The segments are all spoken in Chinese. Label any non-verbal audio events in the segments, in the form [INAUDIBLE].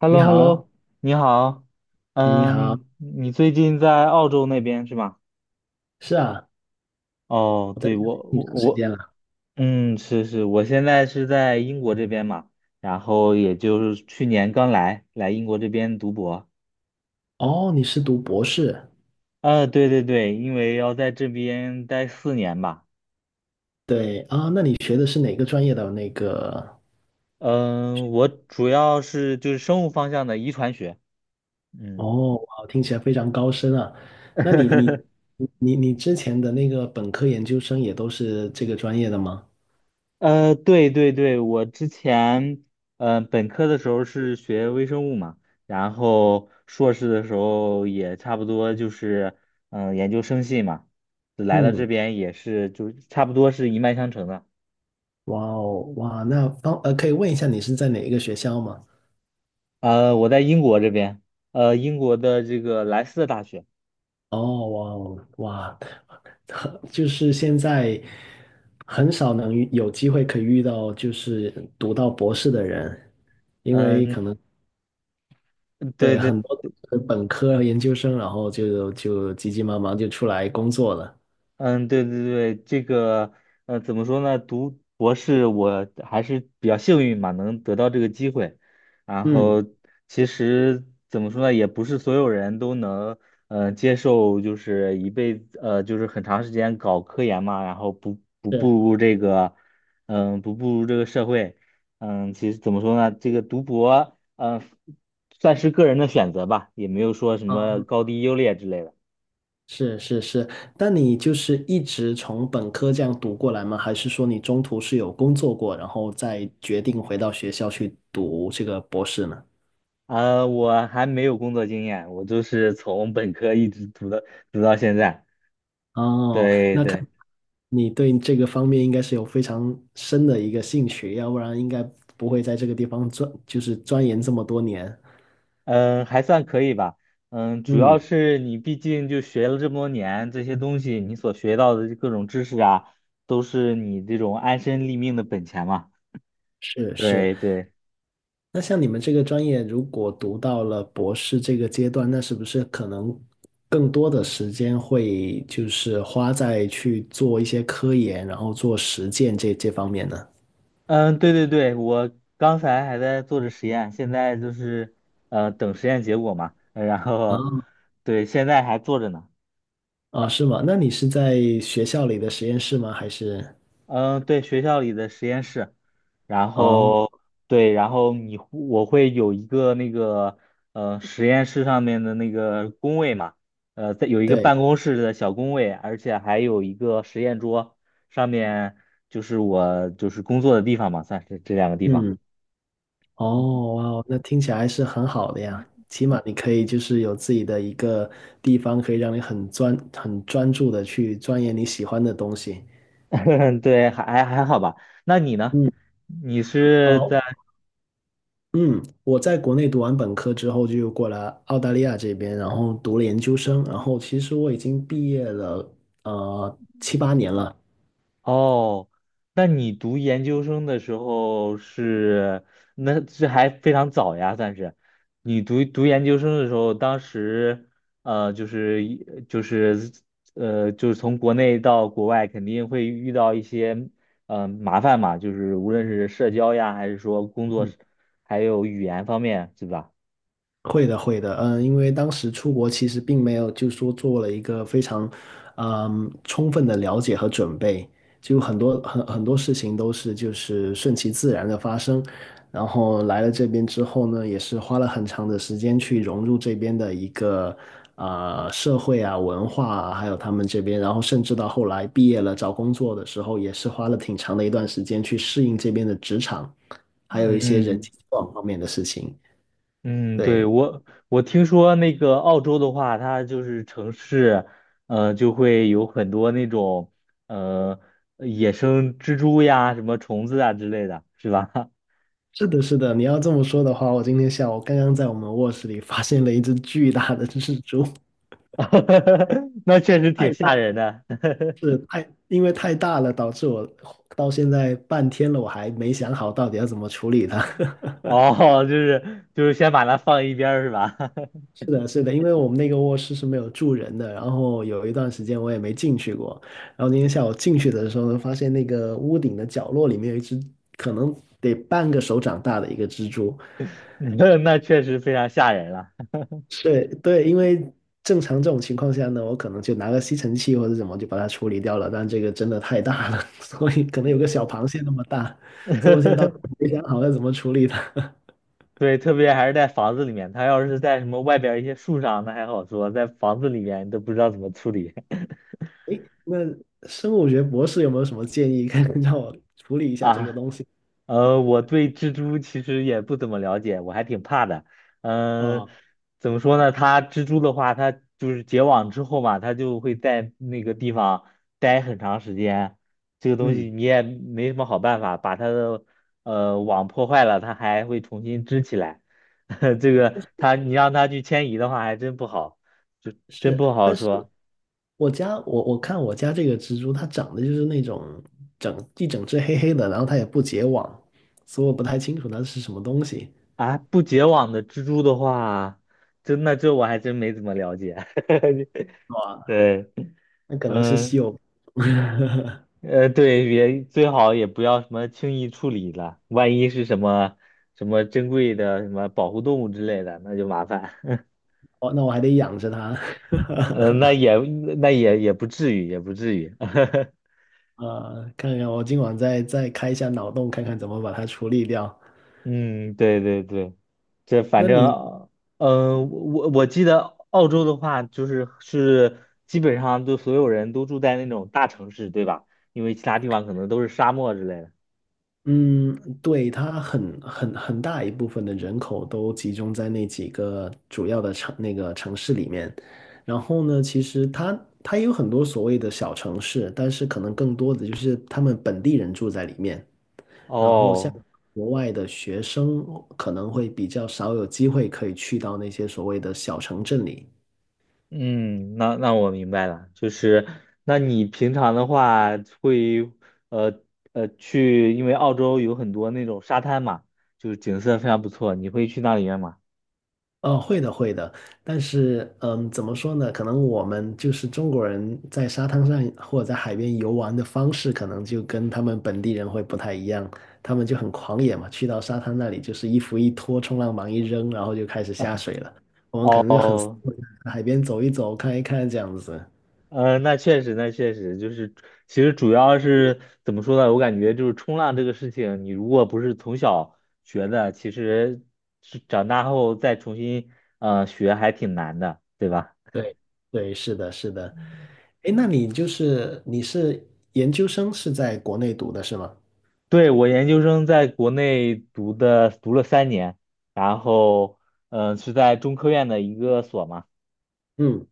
h e l l 你 o h e l l 好。o。 你好。哎，你好。嗯，你最近在澳洲那边是吗？是啊，哦，我在这对，里我挺我长时我，间了。嗯，是，我现在是在英国这边嘛，然后也就是去年刚来英国这边读博。哦，你是读博士？对对对，因为要在这边待4年吧。对啊，那你学的是哪个专业的那个？嗯，我主要是就是生物方向的遗传学。嗯。哦，哇，听起来非常高深啊。那你你 [LAUGHS] 你你之前的那个本科研究生也都是这个专业的吗？对对对，我之前本科的时候是学微生物嘛，然后硕士的时候也差不多就是研究生系嘛，来了这嗯，边也是就是差不多是一脉相承的。哇哦，哇，那可以问一下你是在哪一个学校吗？我在英国这边，英国的这个莱斯特大学。哦，哇哦，哇，很就是现在很少能遇有机会可以遇到，就是读到博士的人，因为嗯、可能对对对。很多都是本科和研究生，然后就急急忙忙就出来工作了。嗯，对对对，这个怎么说呢？读博士我还是比较幸运嘛，能得到这个机会。然嗯，后其实怎么说呢，也不是所有人都能接受，就是一辈子就是很长时间搞科研嘛，然后不不步是入这个嗯、不步入这个社会。嗯，其实怎么说呢，这个读博算是个人的选择吧，也没有说什么啊，高低优劣之类的。是是是。那你就是一直从本科这样读过来吗？还是说你中途是有工作过，然后再决定回到学校去读这个博士呢？我还没有工作经验，我就是从本科一直读到现在。哦，对那看对。你对这个方面应该是有非常深的一个兴趣，要不然应该不会在这个地方钻，就是钻研这么多年。嗯，还算可以吧。嗯，主要嗯，是你毕竟就学了这么多年，这些东西你所学到的各种知识啊，都是你这种安身立命的本钱嘛。是是。对对。那像你们这个专业，如果读到了博士这个阶段，那是不是可能更多的时间会就是花在去做一些科研，然后做实践这方面呢？嗯，对对对，我刚才还在做着实验，现在就是等实验结果嘛，然啊，后对，现在还做着呢。啊，是吗？那你是在学校里的实验室吗？还是？嗯，对，学校里的实验室。然哦，后对，然后我会有一个那个实验室上面的那个工位嘛，在有一个对，办公室的小工位，而且还有一个实验桌，上面就是我就是工作的地方嘛，算是这两个地方。嗯。哦，哇哦，那听起来是很好的呀。起码你可以就是有自己的一个地方，可以让你很专注的去钻研你喜欢的东西。[LAUGHS] 对，还好吧。那你呢？嗯，你是哦，在？嗯，我在国内读完本科之后就过来澳大利亚这边，然后读了研究生，然后其实我已经毕业了，七八年了。哦，那你读研究生的时候是，那这还非常早呀，算是。你读研究生的时候，当时呃，就是一就是呃，就是从国内到国外，肯定会遇到一些麻烦嘛，就是无论是社交呀，还是说工作，还有语言方面，对吧？会的，会的，嗯，因为当时出国其实并没有，就说做了一个非常，嗯，充分的了解和准备，就很多事情都是就是顺其自然的发生，然后来了这边之后呢，也是花了很长的时间去融入这边的一个社会啊文化啊，还有他们这边，然后甚至到后来毕业了找工作的时候，也是花了挺长的一段时间去适应这边的职场，还有一些人嗯，际交往方面的事情。嗯，对，对，我听说那个澳洲的话，它就是城市，就会有很多那种呃野生蜘蛛呀、什么虫子啊之类的，是吧？是的，是的，你要这么说的话，我今天下午刚刚在我们卧室里发现了一只巨大的蜘蛛。[LAUGHS] 那确实挺太吓大，人的。因为太大了，导致我到现在半天了，我还没想好到底要怎么处理它。[LAUGHS] 哦，就是先把它放一边儿是吧？是的，是的，因为我们那个卧室是没有住人的，然后有一段时间我也没进去过，然后今天下午进去的时候呢，发现那个屋顶的角落里面有一只可能得半个手掌大的一个蜘蛛。[LAUGHS] 那确实非常吓人了。对对，因为正常这种情况下呢，我可能就拿个吸尘器或者怎么就把它处理掉了，但这个真的太大了，[LAUGHS] 所以可能有个小螃蟹那么大，所以我现在到时候 [LAUGHS] 没想好要怎么处理它。[LAUGHS] 对，特别还是在房子里面，它要是在什么外边儿一些树上，那还好说，在房子里面你都不知道怎么处理。 诶，那生物学博士有没有什么建议，可以 [LAUGHS] 让我处理一 [LAUGHS] 下这个啊。东西？我对蜘蛛其实也不怎么了解，我还挺怕的。嗯、啊、怎么说呢？它蜘蛛的话，它就是结网之后嘛，它就会在那个地方待很长时间。这个东西嗯，你也没什么好办法，把它的网破坏了，它还会重新织起来。[LAUGHS] 这个它你让它去迁移的话，还真不好，就真是，不好但是说我看我家这个蜘蛛，它长得就是那种整只黑黑的，然后它也不结网，所以我不太清楚它是什么东西。啊。不结网的蜘蛛的话，真的这我还真没怎么了解。[LAUGHS] 对。那可能是稀嗯，有。对，也最好也不要什么轻易处理了，万一是什么什么珍贵的什么保护动物之类的，那就麻烦。[LAUGHS] 哦，那我还得养着它。[LAUGHS] 呃，那也那也不至于，也不至于。[LAUGHS] 呃，看看我今晚再开一下脑洞，看看怎么把它处理掉。嗯，对对对，这反那你，正，我记得澳洲的话，就是基本上都所有人都住在那种大城市，对吧？因为其他地方可能都是沙漠之类的。嗯，对，它很很大一部分的人口都集中在那几个主要的那个城市里面，然后呢，其实它也有很多所谓的小城市，但是可能更多的就是他们本地人住在里面，然后像哦国外的学生可能会比较少有机会可以去到那些所谓的小城镇里。嗯，那我明白了，就是那你平常的话会呃去，因为澳洲有很多那种沙滩嘛，就是景色非常不错，你会去那里面吗？哦，会的，会的，但是，嗯，怎么说呢？可能我们就是中国人在沙滩上或者在海边游玩的方式，可能就跟他们本地人会不太一样。他们就很狂野嘛，去到沙滩那里就是衣服一脱，冲浪板一扔，然后就开始下水了。我们可能就很斯哦，文，海边走一走，看一看这样子。那确实，那确实就是，其实主要是怎么说呢？我感觉就是冲浪这个事情，你如果不是从小学的，其实是长大后再重新学还挺难的，对吧？对，对，是的，是的。哎，那你研究生是在国内读的是吗？对，我研究生在国内读的，读了3年。然后，是在中科院的一个所嘛。嗯。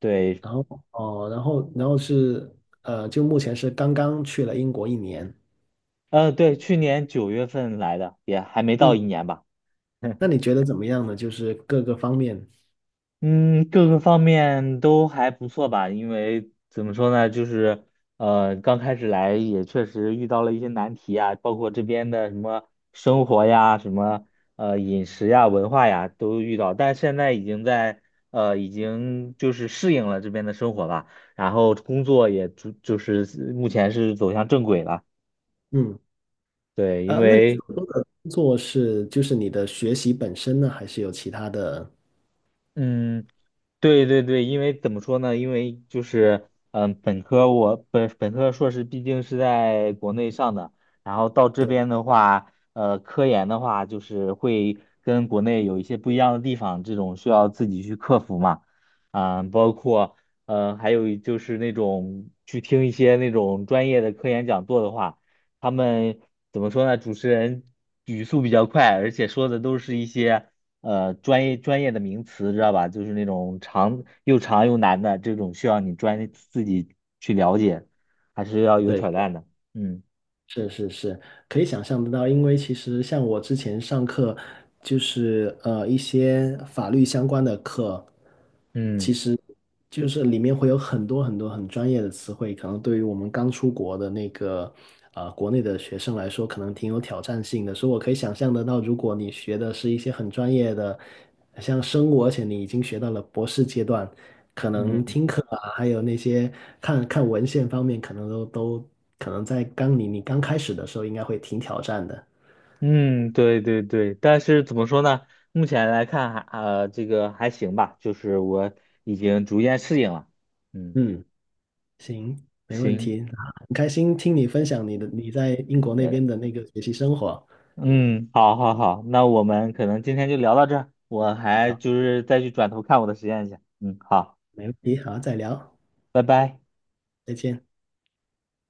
对。然后哦，然后是呃，就目前是刚刚去了英国一年。嗯、对，去年9月份来的，也还没到嗯，一年吧。那 [LAUGHS] 你觉得怎么样呢？就是各个方面。嗯，各个方面都还不错吧，因为怎么说呢，就是刚开始来也确实遇到了一些难题啊，包括这边的什么生活呀、什么饮食呀、文化呀都遇到，但现在已经就是适应了这边的生活吧，然后工作也就是目前是走向正轨了，嗯，对，因呃，那你为所说的工作是就是你的学习本身呢，还是有其他的？嗯，对对对，因为怎么说呢？因为就是，嗯，我本科硕士毕竟是在国内上的，然后到这对边的话，科研的话就是会跟国内有一些不一样的地方，这种需要自己去克服嘛。嗯，包括，还有就是那种去听一些那种专业的科研讲座的话，他们怎么说呢？主持人语速比较快，而且说的都是一些。专业的名词，知道吧？就是那种长又长又难的这种，需要你自己去了解，还是要有对，挑战的。嗯是是是，可以想象得到，因为其实像我之前上课，就是一些法律相关的课，嗯其实就是里面会有很多很多很专业的词汇，可能对于我们刚出国的那个国内的学生来说，可能挺有挑战性的。所以我可以想象得到，如果你学的是一些很专业的。像生物，而且你已经学到了博士阶段，可能嗯听课啊，还有那些看看文献方面，可能在刚你刚开始的时候，应该会挺挑战的。嗯，对对对。但是怎么说呢？目前来看这个还行吧，就是我已经逐渐适应了。嗯，嗯，行，没问行。题，啊，很开心听你分享你的你在英国那边的那个学习生活。嗯，好好好，那我们可能今天就聊到这儿，我还好，就是再去转头看我的实验去。嗯，好，没问题，好，再聊，拜拜。再见。